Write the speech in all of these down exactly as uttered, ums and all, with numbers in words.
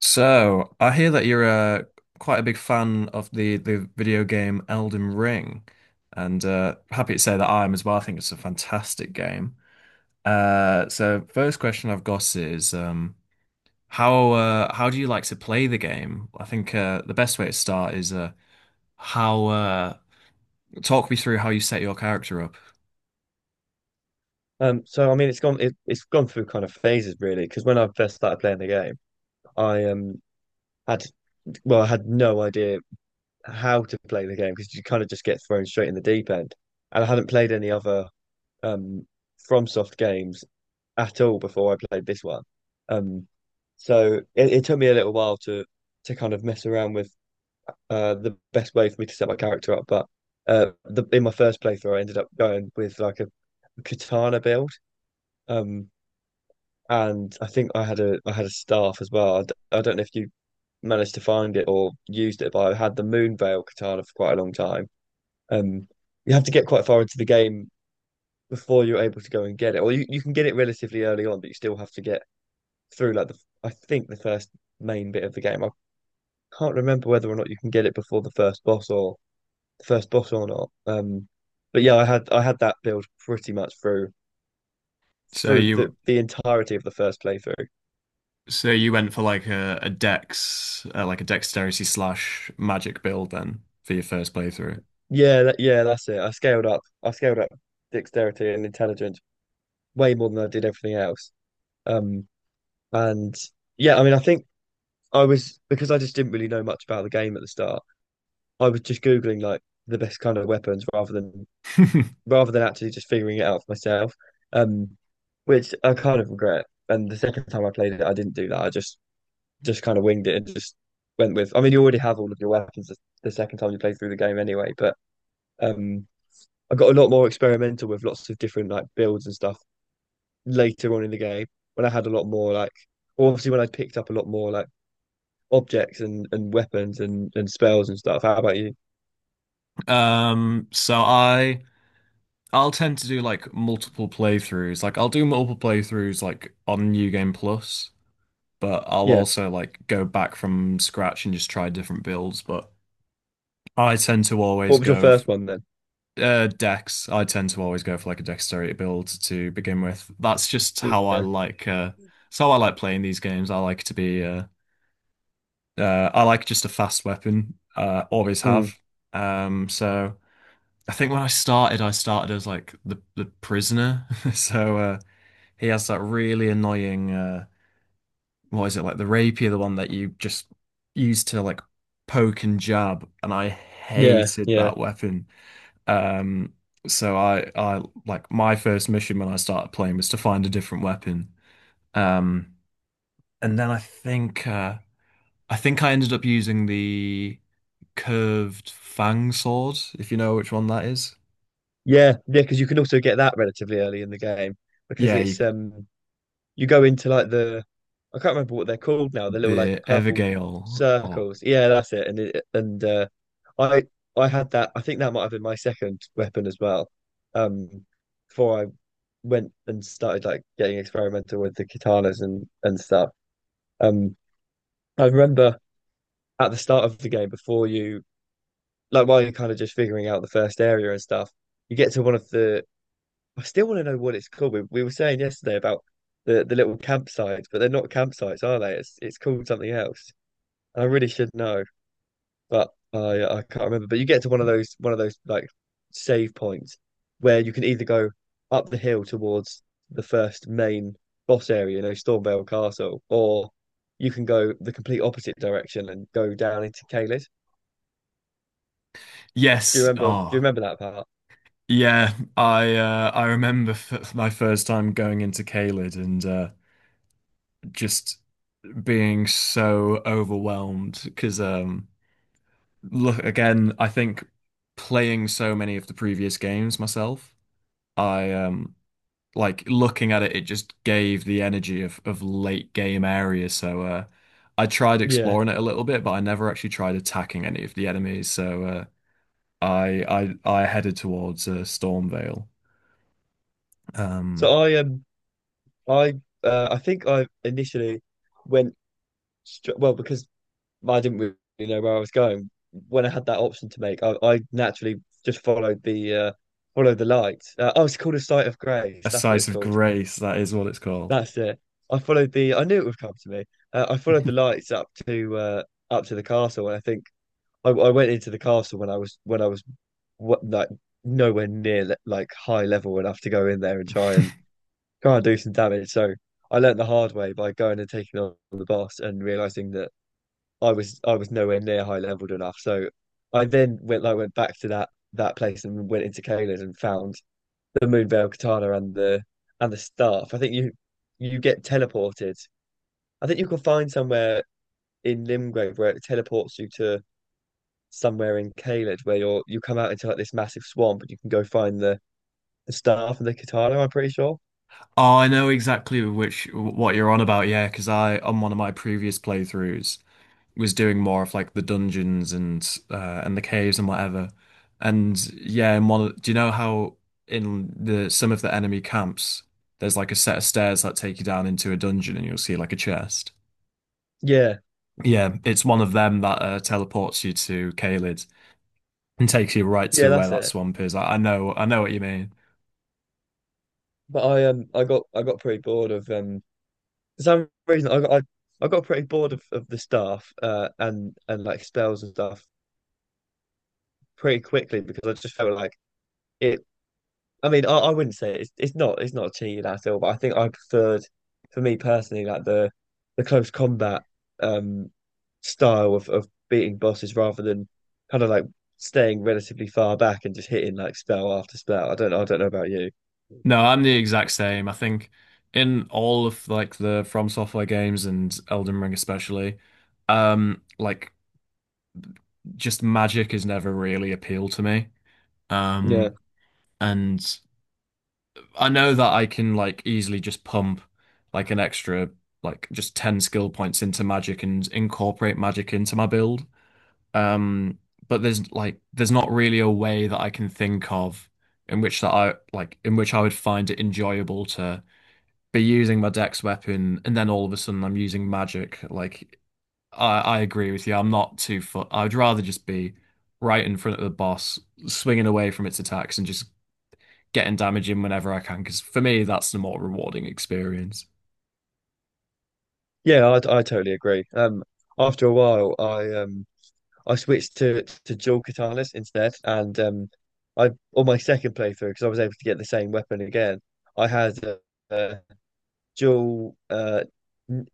So, I hear that you're uh, quite a big fan of the, the video game Elden Ring, and uh, happy to say that I am as well. I think it's a fantastic game. Uh, so, first question I've got is um, how uh, how do you like to play the game? I think uh, the best way to start is uh, how uh, talk me through how you set your character up. Um, so I mean, it's gone. It, it's gone through kind of phases, really. Because when I first started playing the game, I um had well, I had no idea how to play the game because you kind of just get thrown straight in the deep end, and I hadn't played any other um FromSoft games at all before I played this one. Um, so it, it took me a little while to to kind of mess around with uh the best way for me to set my character up. But uh, the, in my first playthrough, I ended up going with like a katana build. Um And I think I had a I had a staff as well. I, d I don't know if you managed to find it or used it, but I had the Moon Veil katana for quite a long time. Um, you have to get quite far into the game before you're able to go and get it, or you, you can get it relatively early on, but you still have to get through like the I think the first main bit of the game. I can't remember whether or not you can get it before the first boss or the first boss or not. Um, but yeah, I had I had that build pretty much through So through you the the entirety of the first playthrough. so you went for like a, a dex uh, like a dexterity slash magic build then for your first playthrough. Yeah, that, yeah, that's it. I scaled up. I scaled up dexterity and intelligence way more than I did everything else. Um, and yeah, I mean, I think I was because I just didn't really know much about the game at the start. I was just Googling like the best kind of weapons rather than rather than actually just figuring it out for myself. Um, which I kind of regret. And the second time I played it, I didn't do that. I just just kind of winged it and just went with. I mean, you already have all of your weapons the, the second time you play through the game anyway, but um. I got a lot more experimental with lots of different like builds and stuff later on in the game when I had a lot more like obviously when I picked up a lot more like objects and and weapons and and spells and stuff. How about you? Um, so I I'll tend to do like multiple playthroughs. Like I'll do multiple playthroughs like on New Game Plus, but I'll Yeah. also like go back from scratch and just try different builds. But I tend to What always was your go first f one then? uh, Dex. I tend to always go for like a dexterity build to begin with. That's just how I Yeah. like uh it's how I like playing these games. I like to be uh uh I like just a fast weapon. Uh, always Mm. have. Um so I think when I started, I started as like the the prisoner. So uh, he has that really annoying uh, what is it like the rapier, the one that you just use to like poke and jab, and I Yeah. hated Yeah. that weapon. Um, so I I like my first mission when I started playing was to find a different weapon. Um, and then I think uh, I think I ended up using the curved fang sword, if you know which one that is. Yeah. Yeah. Because you can also get that relatively early in the game because Yeah, you it's um you go into like the I can't remember what they're called now, the little like The purple Evergale. Oh, circles. Yeah, that's it. And it, and uh, I I had that. I think that might have been my second weapon as well. Um, before I went and started like getting experimental with the katanas and and stuff. Um, I remember at the start of the game before you like while you're kind of just figuring out the first area and stuff, you get to one of the I still want to know what it's called. We, we were saying yesterday about the, the little campsites, but they're not campsites, are they? It's it's called something else. I really should know, but I I can't remember. But you get to one of those one of those like save points where you can either go up the hill towards the first main boss area, you know, Stormvale Castle, or you can go the complete opposite direction and go down into Caelid. Do you yes. remember? Do you Oh, remember that part? yeah. I uh, I remember f my first time going into Caelid and uh, just being so overwhelmed because um, look again. I think playing so many of the previous games myself, I um like looking at it. It just gave the energy of of late game area. So uh, I tried Yeah. exploring it a little bit, but I never actually tried attacking any of the enemies. So. Uh, I I I headed towards uh, Stormvale. So Um, I um I uh, I think I initially went str- well, because I didn't really know where I was going. When I had that option to make, I, I naturally just followed the uh, followed the light. Uh, oh, it's called a sight of grace. a That's what it's sight of called. grace, that is what it's called. That's it. I followed the. I knew it would come to me. Uh, I followed the lights up to uh, up to the castle, and I think I, I went into the castle when I was when I was what like nowhere near le- like high level enough to go in there and try and try and do some damage. So I learned the hard way by going and taking on the boss and realizing that I was I was nowhere near high leveled enough. So I then went I went back to that that place and went into Kayla's and found the Moonveil Katana and the and the staff. I think you you get teleported. I think you can find somewhere in Limgrave where it teleports you to somewhere in Caelid where you're you come out into like this massive swamp and you can go find the, the staff and the katana, I'm pretty sure. Oh, I know exactly which what you're on about, yeah, because I on one of my previous playthroughs was doing more of like the dungeons and uh, and the caves and whatever. And yeah, in one, of- do you know how in the some of the enemy camps there's like a set of stairs that take you down into a dungeon and you'll see like a chest. Yeah, Yeah, it's one of them that uh, teleports you to Caelid and takes you right yeah, to where that's that it. swamp is. I, I know, I know what you mean. But I um I got I got pretty bored of um for some reason, I, I I got pretty bored of, of the staff uh, and and like spells and stuff pretty quickly because I just felt like it. I mean, I, I wouldn't say it's it's not it's not cheating at all, but I think I preferred, for me personally, like the the close combat um style of of beating bosses rather than kind of like staying relatively far back and just hitting like spell after spell. I don't I don't know about you. No, I'm the exact same. I think in all of like the From Software games and Elden Ring especially, um, like just magic has never really appealed to me. Yeah, Um, and I know that I can like easily just pump like an extra like just ten skill points into magic and incorporate magic into my build. Um, but there's like there's not really a way that I can think of in which that I like in which I would find it enjoyable to be using my dex weapon and then all of a sudden I'm using magic. Like I, I agree with you. I'm not too fu- I'd rather just be right in front of the boss, swinging away from its attacks and just getting damage in whenever I can. Because for me, that's the more rewarding experience. yeah, I I totally agree. Um, after a while, I um. I switched to to dual katanas instead, and um, I on my second playthrough because I was able to get the same weapon again. I had a, uh dual uh, N-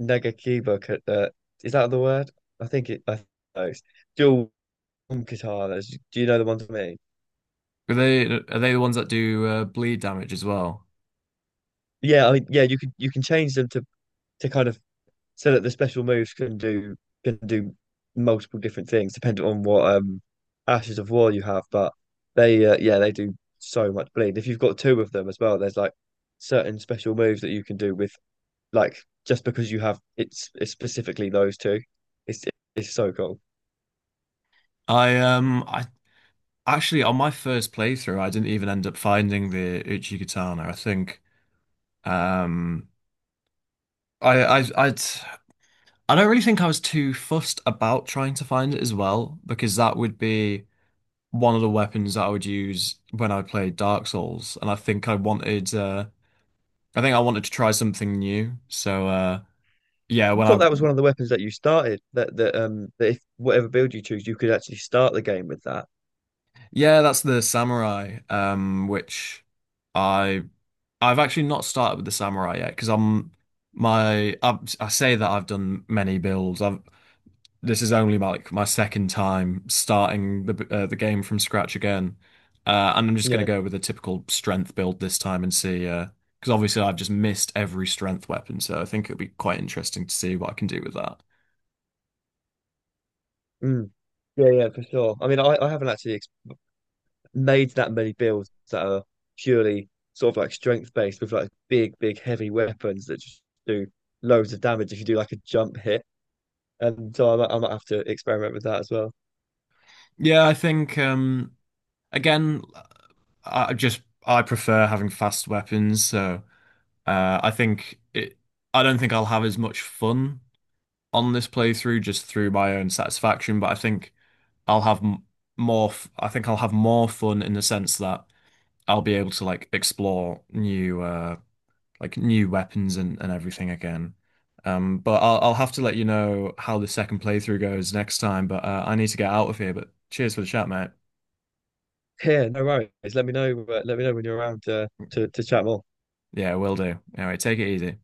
Nagakiba. Ka- Uh, is that the word? I think it. I think it's dual katanas. Do you know the ones I mean? Are they are they the ones that do uh, bleed damage as well? Yeah, I, mean, yeah. You can you can change them to to kind of so that the special moves can do can do multiple different things depending on what um Ashes of War you have. But they uh, yeah they do so much bleed. If you've got two of them as well, there's like certain special moves that you can do with like just because you have it's, it's specifically those two. It's it's so cool. I um I Actually, on my first playthrough, I didn't even end up finding the Uchi Katana. I think um, I, I, I'd, I don't really think I was too fussed about trying to find it as well, because that would be one of the weapons that I would use when I played Dark Souls, and I think I wanted, uh, I think I wanted to try something new. So uh, yeah, I when thought I, that was one of the weapons that you started that that um that if whatever build you choose, you could actually start the game with that. yeah, that's the samurai, um, which. I I've actually not started with the samurai yet because I'm my I, I say that I've done many builds. I've this is only my, like my second time starting the uh, the game from scratch again, uh, and I'm just going to Yeah. go with a typical strength build this time and see. Uh, because obviously I've just missed every strength weapon, so I think it'll be quite interesting to see what I can do with that. Mm. Yeah, yeah, for sure. I mean, I, I haven't actually made that many builds that are purely sort of like strength based with like big, big, heavy weapons that just do loads of damage if you do like a jump hit. And so I might, I might have to experiment with that as well. Yeah, I think um, again, I just I prefer having fast weapons, so uh, I think it. I don't think I'll have as much fun on this playthrough just through my own satisfaction, but I think I'll have m more. F I think I'll have more fun in the sense that I'll be able to like explore new uh like new weapons and and everything again. Um, but I'll I'll have to let you know how the second playthrough goes next time. But uh, I need to get out of here. But cheers for the chat, mate. Yeah, no worries. Let me know. uh, Let me know when you're around uh, to to chat more. Yeah, will do. Anyway, take it easy.